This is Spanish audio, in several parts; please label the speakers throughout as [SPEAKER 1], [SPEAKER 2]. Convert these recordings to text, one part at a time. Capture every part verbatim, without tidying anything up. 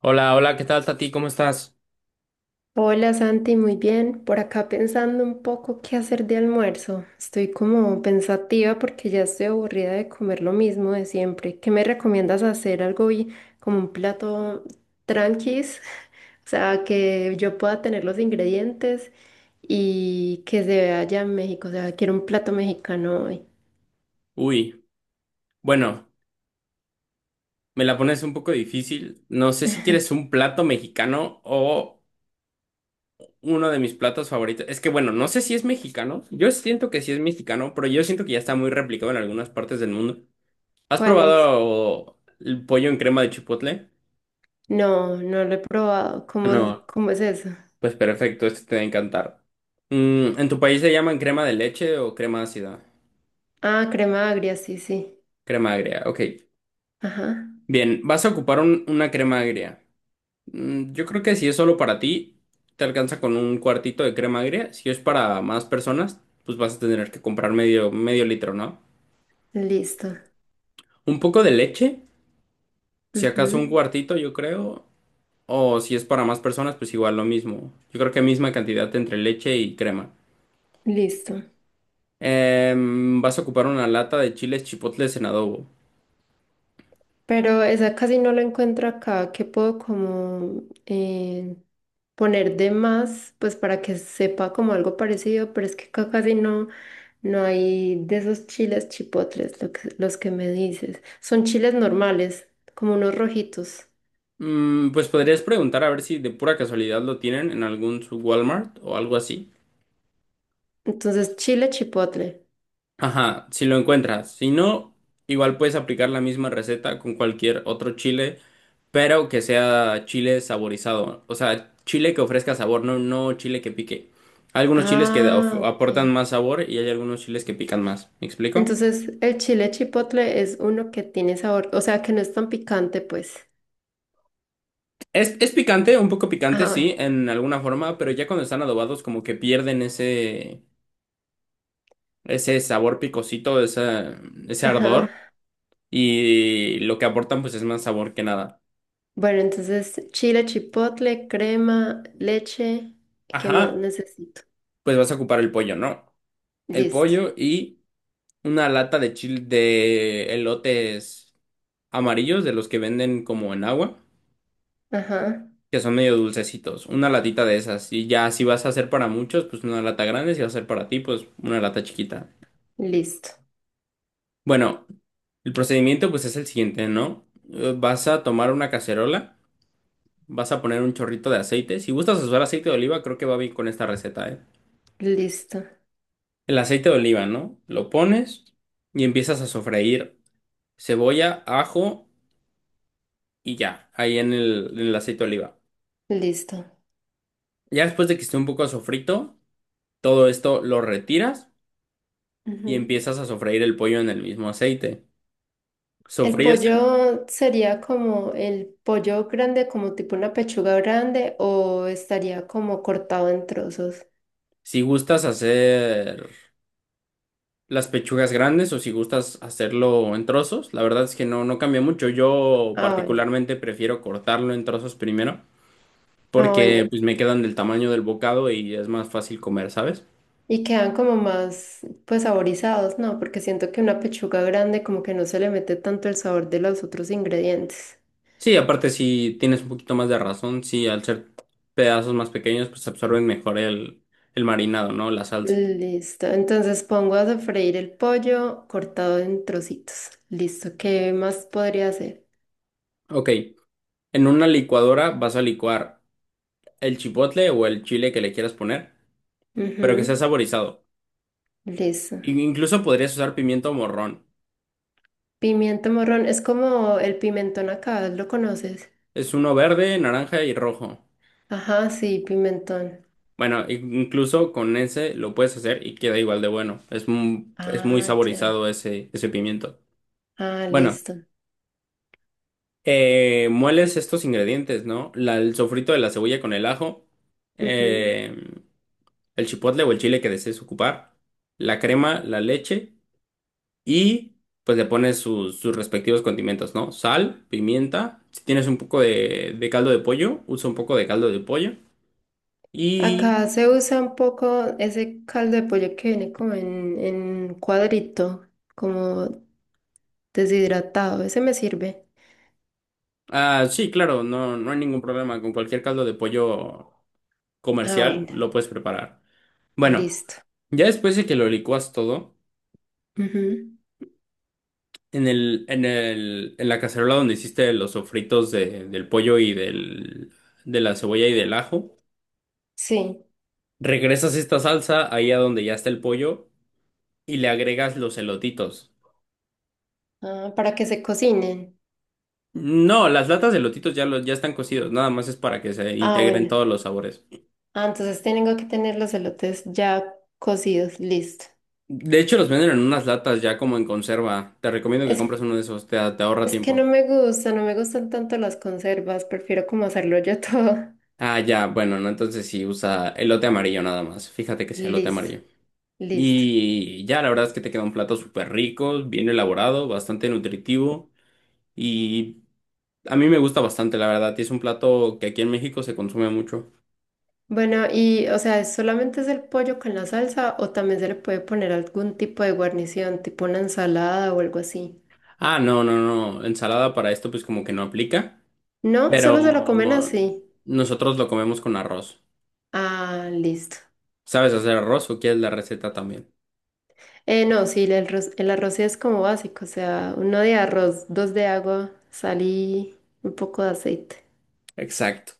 [SPEAKER 1] Hola, hola, ¿qué tal, Tati? ¿Cómo estás?
[SPEAKER 2] Hola Santi, muy bien. Por acá pensando un poco qué hacer de almuerzo. Estoy como pensativa porque ya estoy aburrida de comer lo mismo de siempre. ¿Qué me recomiendas hacer algo y como un plato tranquis? O sea, que yo pueda tener los ingredientes y que se vea allá en México. O sea, quiero un plato mexicano hoy.
[SPEAKER 1] Uy, bueno, me la pones un poco difícil. No sé si quieres un plato mexicano o uno de mis platos favoritos. Es que, bueno, no sé si es mexicano. Yo siento que sí es mexicano, pero yo siento que ya está muy replicado en algunas partes del mundo. ¿Has
[SPEAKER 2] ¿Cuál es?
[SPEAKER 1] probado el pollo en crema de chipotle?
[SPEAKER 2] No, no lo he probado. ¿Cómo, es-
[SPEAKER 1] No,
[SPEAKER 2] cómo es eso?
[SPEAKER 1] pues perfecto, este te va a encantar. Mm, ¿en tu país se llaman crema de leche o crema ácida?
[SPEAKER 2] Ah, crema agria, sí, sí.
[SPEAKER 1] Crema agria, ok.
[SPEAKER 2] Ajá,
[SPEAKER 1] Bien, vas a ocupar un- una crema agria. Mm, Yo creo que si es solo para ti, te alcanza con un cuartito de crema agria. Si es para más personas, pues vas a tener que comprar medio, medio litro, ¿no?
[SPEAKER 2] listo.
[SPEAKER 1] Un poco de leche, si acaso un
[SPEAKER 2] Ujú.
[SPEAKER 1] cuartito, yo creo. O si es para más personas, pues igual lo mismo. Yo creo que misma cantidad entre leche y crema.
[SPEAKER 2] Listo.
[SPEAKER 1] Em, vas a ocupar una lata de chiles chipotles en adobo.
[SPEAKER 2] Pero esa casi no la encuentro acá. ¿Qué puedo como eh, poner de más? Pues para que sepa como algo parecido, pero es que acá casi no, no hay de esos chiles chipotles, lo que- los que me dices. Son chiles normales, como unos rojitos.
[SPEAKER 1] Mm, pues podrías preguntar a ver si de pura casualidad lo tienen en algún su Walmart o algo así.
[SPEAKER 2] Entonces, chile chipotle.
[SPEAKER 1] Ajá, si lo encuentras. Si no, igual puedes aplicar la misma receta con cualquier otro chile, pero que sea chile saborizado. O sea, chile que ofrezca sabor, no, no chile que pique. Hay algunos chiles que of-
[SPEAKER 2] Ah,
[SPEAKER 1] aportan
[SPEAKER 2] ok.
[SPEAKER 1] más sabor y hay algunos chiles que pican más. ¿Me explico?
[SPEAKER 2] Entonces, el chile chipotle es uno que tiene sabor, o sea, que no es tan picante, pues.
[SPEAKER 1] Es, es picante, un poco picante,
[SPEAKER 2] Ah, bueno.
[SPEAKER 1] sí, en alguna forma, pero ya cuando están adobados, como que pierden ese, ese sabor picosito, esa- ese ardor,
[SPEAKER 2] Ajá.
[SPEAKER 1] y lo que aportan, pues es más sabor que nada.
[SPEAKER 2] Bueno, entonces chile, chipotle, crema, leche, ¿qué más
[SPEAKER 1] Ajá,
[SPEAKER 2] necesito?
[SPEAKER 1] pues vas a ocupar el pollo, ¿no? El
[SPEAKER 2] Listo.
[SPEAKER 1] pollo y una lata de chile de elotes amarillos, de los que venden como en agua,
[SPEAKER 2] Ajá.
[SPEAKER 1] que son medio dulcecitos. Una latita de esas. Y ya si vas a hacer para muchos, pues una lata grande. Si vas a hacer para ti, pues una lata chiquita.
[SPEAKER 2] Listo.
[SPEAKER 1] Bueno, el procedimiento pues es el siguiente, ¿no? Eh, Vas a tomar una cacerola, vas a poner un chorrito de aceite. Si gustas usar aceite de oliva, creo que va bien con esta receta, ¿eh?
[SPEAKER 2] Listo.
[SPEAKER 1] El aceite de oliva, ¿no? Lo pones y empiezas a sofreír cebolla, ajo y ya, ahí en el, en el aceite de oliva.
[SPEAKER 2] Listo.
[SPEAKER 1] Ya después de que esté un poco sofrito, todo esto lo retiras y
[SPEAKER 2] Ujú.
[SPEAKER 1] empiezas a sofreír el pollo en el mismo aceite.
[SPEAKER 2] El
[SPEAKER 1] Sofríes el-
[SPEAKER 2] pollo sería como el pollo grande, como tipo una pechuga grande, o estaría como cortado en trozos.
[SPEAKER 1] si gustas hacer las pechugas grandes o si gustas hacerlo en trozos, la verdad es que no, no cambia mucho. Yo
[SPEAKER 2] Ah, bueno.
[SPEAKER 1] particularmente prefiero cortarlo en trozos primero
[SPEAKER 2] Ah, bueno.
[SPEAKER 1] porque pues me quedan del tamaño del bocado y es más fácil comer, ¿sabes?
[SPEAKER 2] Y quedan como más, pues, saborizados, ¿no? Porque siento que una pechuga grande como que no se le mete tanto el sabor de los otros ingredientes.
[SPEAKER 1] Sí, aparte si tienes un poquito más de razón, sí, al ser pedazos más pequeños, pues absorben mejor el, el marinado, ¿no? La salsa.
[SPEAKER 2] Listo, entonces pongo a sofreír el pollo cortado en trocitos. Listo, ¿qué más podría hacer?
[SPEAKER 1] Ok, en una licuadora vas a licuar el chipotle o el chile que le quieras poner, pero que sea
[SPEAKER 2] Ujú.
[SPEAKER 1] saborizado.
[SPEAKER 2] Listo.
[SPEAKER 1] In- Incluso podrías usar pimiento morrón.
[SPEAKER 2] Pimiento morrón, es como el pimentón acá, ¿lo conoces?
[SPEAKER 1] Es uno verde, naranja y rojo.
[SPEAKER 2] Ajá, sí, pimentón.
[SPEAKER 1] Bueno, in- incluso con ese lo puedes hacer y queda igual de bueno. Es, mu- es muy
[SPEAKER 2] Ah, ya.
[SPEAKER 1] saborizado ese, ese pimiento.
[SPEAKER 2] Ah,
[SPEAKER 1] Bueno.
[SPEAKER 2] listo.
[SPEAKER 1] Eh, mueles estos ingredientes, ¿no? La- el sofrito de la cebolla con el ajo,
[SPEAKER 2] Ujú.
[SPEAKER 1] eh, el chipotle o el chile que desees ocupar, la crema, la leche y pues le pones sus, sus respectivos condimentos, ¿no? Sal, pimienta, si tienes un poco de, de caldo de pollo, usa un poco de caldo de pollo y...
[SPEAKER 2] Acá se usa un poco ese caldo de pollo que viene como en, en cuadrito, como deshidratado. Ese me sirve.
[SPEAKER 1] Ah, sí, claro, no, no hay ningún problema. Con cualquier caldo de pollo
[SPEAKER 2] Ah,
[SPEAKER 1] comercial
[SPEAKER 2] bueno,
[SPEAKER 1] lo puedes preparar. Bueno,
[SPEAKER 2] listo.
[SPEAKER 1] ya después de que lo licuas todo,
[SPEAKER 2] Ujú,
[SPEAKER 1] en el, en el, en la cacerola donde hiciste los sofritos de- del pollo y del, de la cebolla y del ajo,
[SPEAKER 2] sí.
[SPEAKER 1] regresas esta salsa ahí a donde ya está el pollo y le agregas los elotitos.
[SPEAKER 2] Ah, para que se cocinen.
[SPEAKER 1] No, las latas de elotitos ya, los, ya están cocidos, nada más es para que se
[SPEAKER 2] Ah,
[SPEAKER 1] integren
[SPEAKER 2] bueno.
[SPEAKER 1] todos los sabores.
[SPEAKER 2] Ah, entonces tengo que tener los elotes ya cocidos, listo.
[SPEAKER 1] De hecho, los venden en unas latas ya como en conserva. Te recomiendo que
[SPEAKER 2] Es,
[SPEAKER 1] compres uno de esos, te, te ahorra
[SPEAKER 2] es que
[SPEAKER 1] tiempo.
[SPEAKER 2] no me gusta, no me gustan tanto las conservas, prefiero como hacerlo yo todo.
[SPEAKER 1] Ah, ya, bueno, no, entonces sí, usa elote amarillo nada más. Fíjate que sea elote
[SPEAKER 2] Listo,
[SPEAKER 1] amarillo.
[SPEAKER 2] listo.
[SPEAKER 1] Y ya, la verdad es que te queda un plato súper rico, bien elaborado, bastante nutritivo y a mí me gusta bastante, la verdad. Y es un plato que aquí en México se consume mucho.
[SPEAKER 2] Bueno, y o sea, ¿solamente es el pollo con la salsa o también se le puede poner algún tipo de guarnición, tipo una ensalada o algo así?
[SPEAKER 1] Ah, no, no, no, ensalada para esto pues como que no aplica,
[SPEAKER 2] No, solo
[SPEAKER 1] pero
[SPEAKER 2] se lo comen así.
[SPEAKER 1] nosotros lo comemos con arroz.
[SPEAKER 2] Ah, listo.
[SPEAKER 1] ¿Sabes hacer arroz o quieres la receta también?
[SPEAKER 2] Eh, no, sí, el arroz, el arroz sí es como básico, o sea, uno de arroz, dos de agua, sal y un poco de aceite.
[SPEAKER 1] Exacto.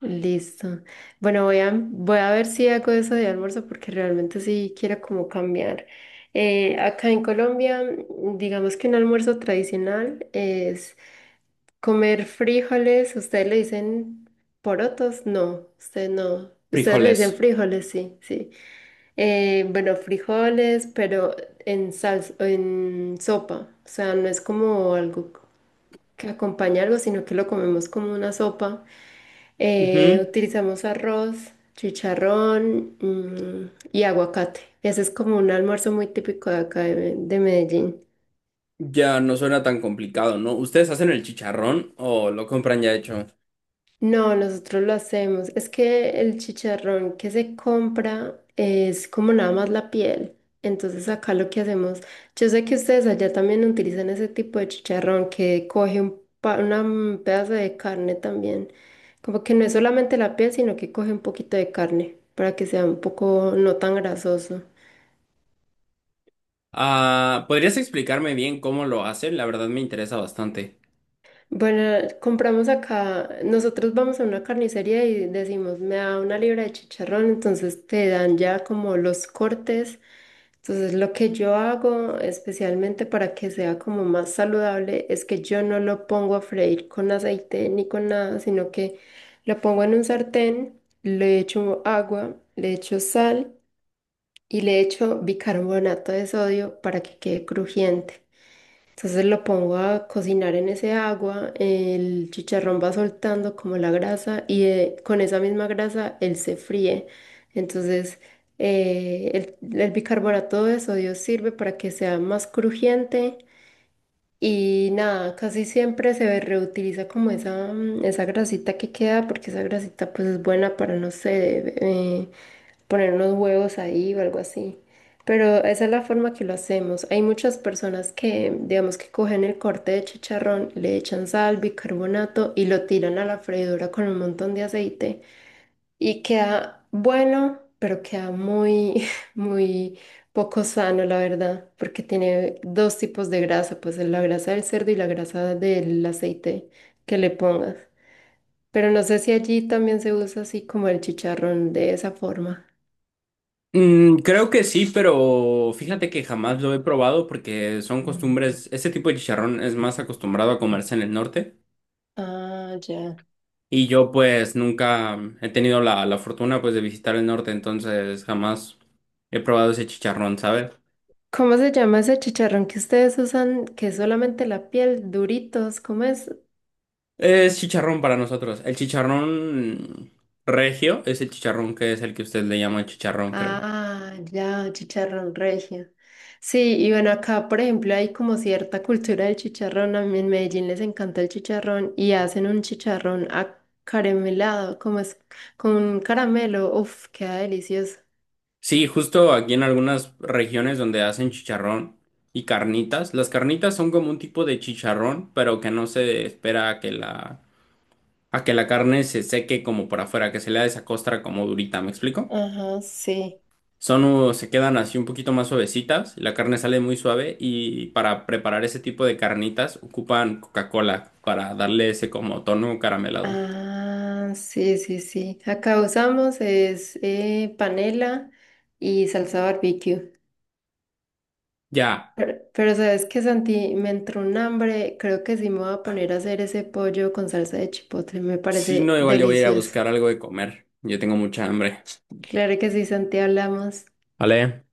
[SPEAKER 2] Listo. Bueno, voy a, voy a ver si hago eso de almuerzo porque realmente sí quiero como cambiar. Eh, acá en Colombia, mm, digamos que un almuerzo tradicional es comer frijoles. Ustedes le dicen porotos, no, ustedes no. Ustedes le dicen
[SPEAKER 1] Frijoles.
[SPEAKER 2] frijoles, sí, sí. Eh, bueno, frijoles, pero en salsa, en sopa. O sea, no es como algo que acompaña algo, sino que lo comemos como una sopa. Eh,
[SPEAKER 1] Ujú.
[SPEAKER 2] utilizamos arroz, chicharrón, mm, y aguacate. Ese es como un almuerzo muy típico de acá de, de Medellín.
[SPEAKER 1] Ya no suena tan complicado, ¿no? ¿Ustedes hacen el chicharrón o lo compran ya hecho?
[SPEAKER 2] No, nosotros lo hacemos. Es que el chicharrón que se compra es como nada más la piel. Entonces acá lo que hacemos, yo sé que ustedes allá también utilizan ese tipo de chicharrón que coge un pa- una, mm, pedazo de carne también. Como que no es solamente la piel, sino que coge un poquito de carne para que sea un poco no tan grasoso.
[SPEAKER 1] Ah, ¿podrías explicarme bien cómo lo hacen? La verdad me interesa bastante.
[SPEAKER 2] Bueno, compramos acá, nosotros vamos a una carnicería y decimos, me da una libra de chicharrón, entonces te dan ya como los cortes. Entonces, lo que yo hago especialmente para que sea como más saludable es que yo no lo pongo a freír con aceite ni con nada, sino que lo pongo en un sartén, le echo agua, le echo sal y le echo bicarbonato de sodio para que quede crujiente. Entonces lo pongo a cocinar en ese agua, el chicharrón va soltando como la grasa y eh, con esa misma grasa él se fríe. Entonces eh, el, el bicarbonato de sodio sirve para que sea más crujiente y nada, casi siempre se reutiliza como esa, mm, esa grasita que queda porque esa grasita pues es buena para, no sé, eh, poner unos huevos ahí o algo así. Pero esa es la forma que lo hacemos. Hay muchas personas que, digamos, que cogen el corte de chicharrón, le echan sal, bicarbonato y lo tiran a la freidora con un montón de aceite. Y queda bueno, pero queda muy, muy poco sano, la verdad, porque tiene dos tipos de grasa, pues la grasa del cerdo y la grasa del aceite que le pongas. Pero no sé si allí también se usa así como el chicharrón de esa forma.
[SPEAKER 1] Mm, creo que sí, pero fíjate que jamás lo he probado porque son costumbres, este tipo de chicharrón es más acostumbrado a comerse en el norte
[SPEAKER 2] Ah, ya.
[SPEAKER 1] y yo pues nunca he tenido la, la fortuna pues de visitar el norte, entonces jamás he probado ese chicharrón, ¿sabes?
[SPEAKER 2] ¿Cómo se llama ese chicharrón que ustedes usan, que es solamente la piel, duritos? ¿Cómo es?
[SPEAKER 1] Es chicharrón para nosotros. El chicharrón regio es el chicharrón que es el que usted le llama chicharrón, creo.
[SPEAKER 2] Ah, ya, chicharrón regio. Sí, y bueno, acá, por ejemplo, hay como cierta cultura del chicharrón. A mí en Medellín les encanta el chicharrón y hacen un chicharrón acaramelado, como es con un caramelo. Uf, queda delicioso.
[SPEAKER 1] Sí, justo aquí en algunas regiones donde hacen chicharrón y carnitas. Las carnitas son como un tipo de chicharrón, pero que no se espera a que la, a que la carne se seque como por afuera, que se le da esa costra como durita, ¿me explico?
[SPEAKER 2] Ajá, sí.
[SPEAKER 1] Son, uh, se quedan así un poquito más suavecitas, la carne sale muy suave y para preparar ese tipo de carnitas ocupan Coca-Cola para darle ese como tono caramelado.
[SPEAKER 2] Ah, sí, sí, sí. Acá usamos es eh, panela y salsa barbecue.
[SPEAKER 1] Ya,
[SPEAKER 2] Pero, pero sabes que Santi, me entró un hambre, creo que sí me voy a poner a hacer ese pollo con salsa de chipotle, me
[SPEAKER 1] si
[SPEAKER 2] parece
[SPEAKER 1] no, igual yo voy a ir a
[SPEAKER 2] delicioso.
[SPEAKER 1] buscar algo de comer. Yo tengo mucha hambre.
[SPEAKER 2] Claro que sí, Santi, hablamos.
[SPEAKER 1] Vale.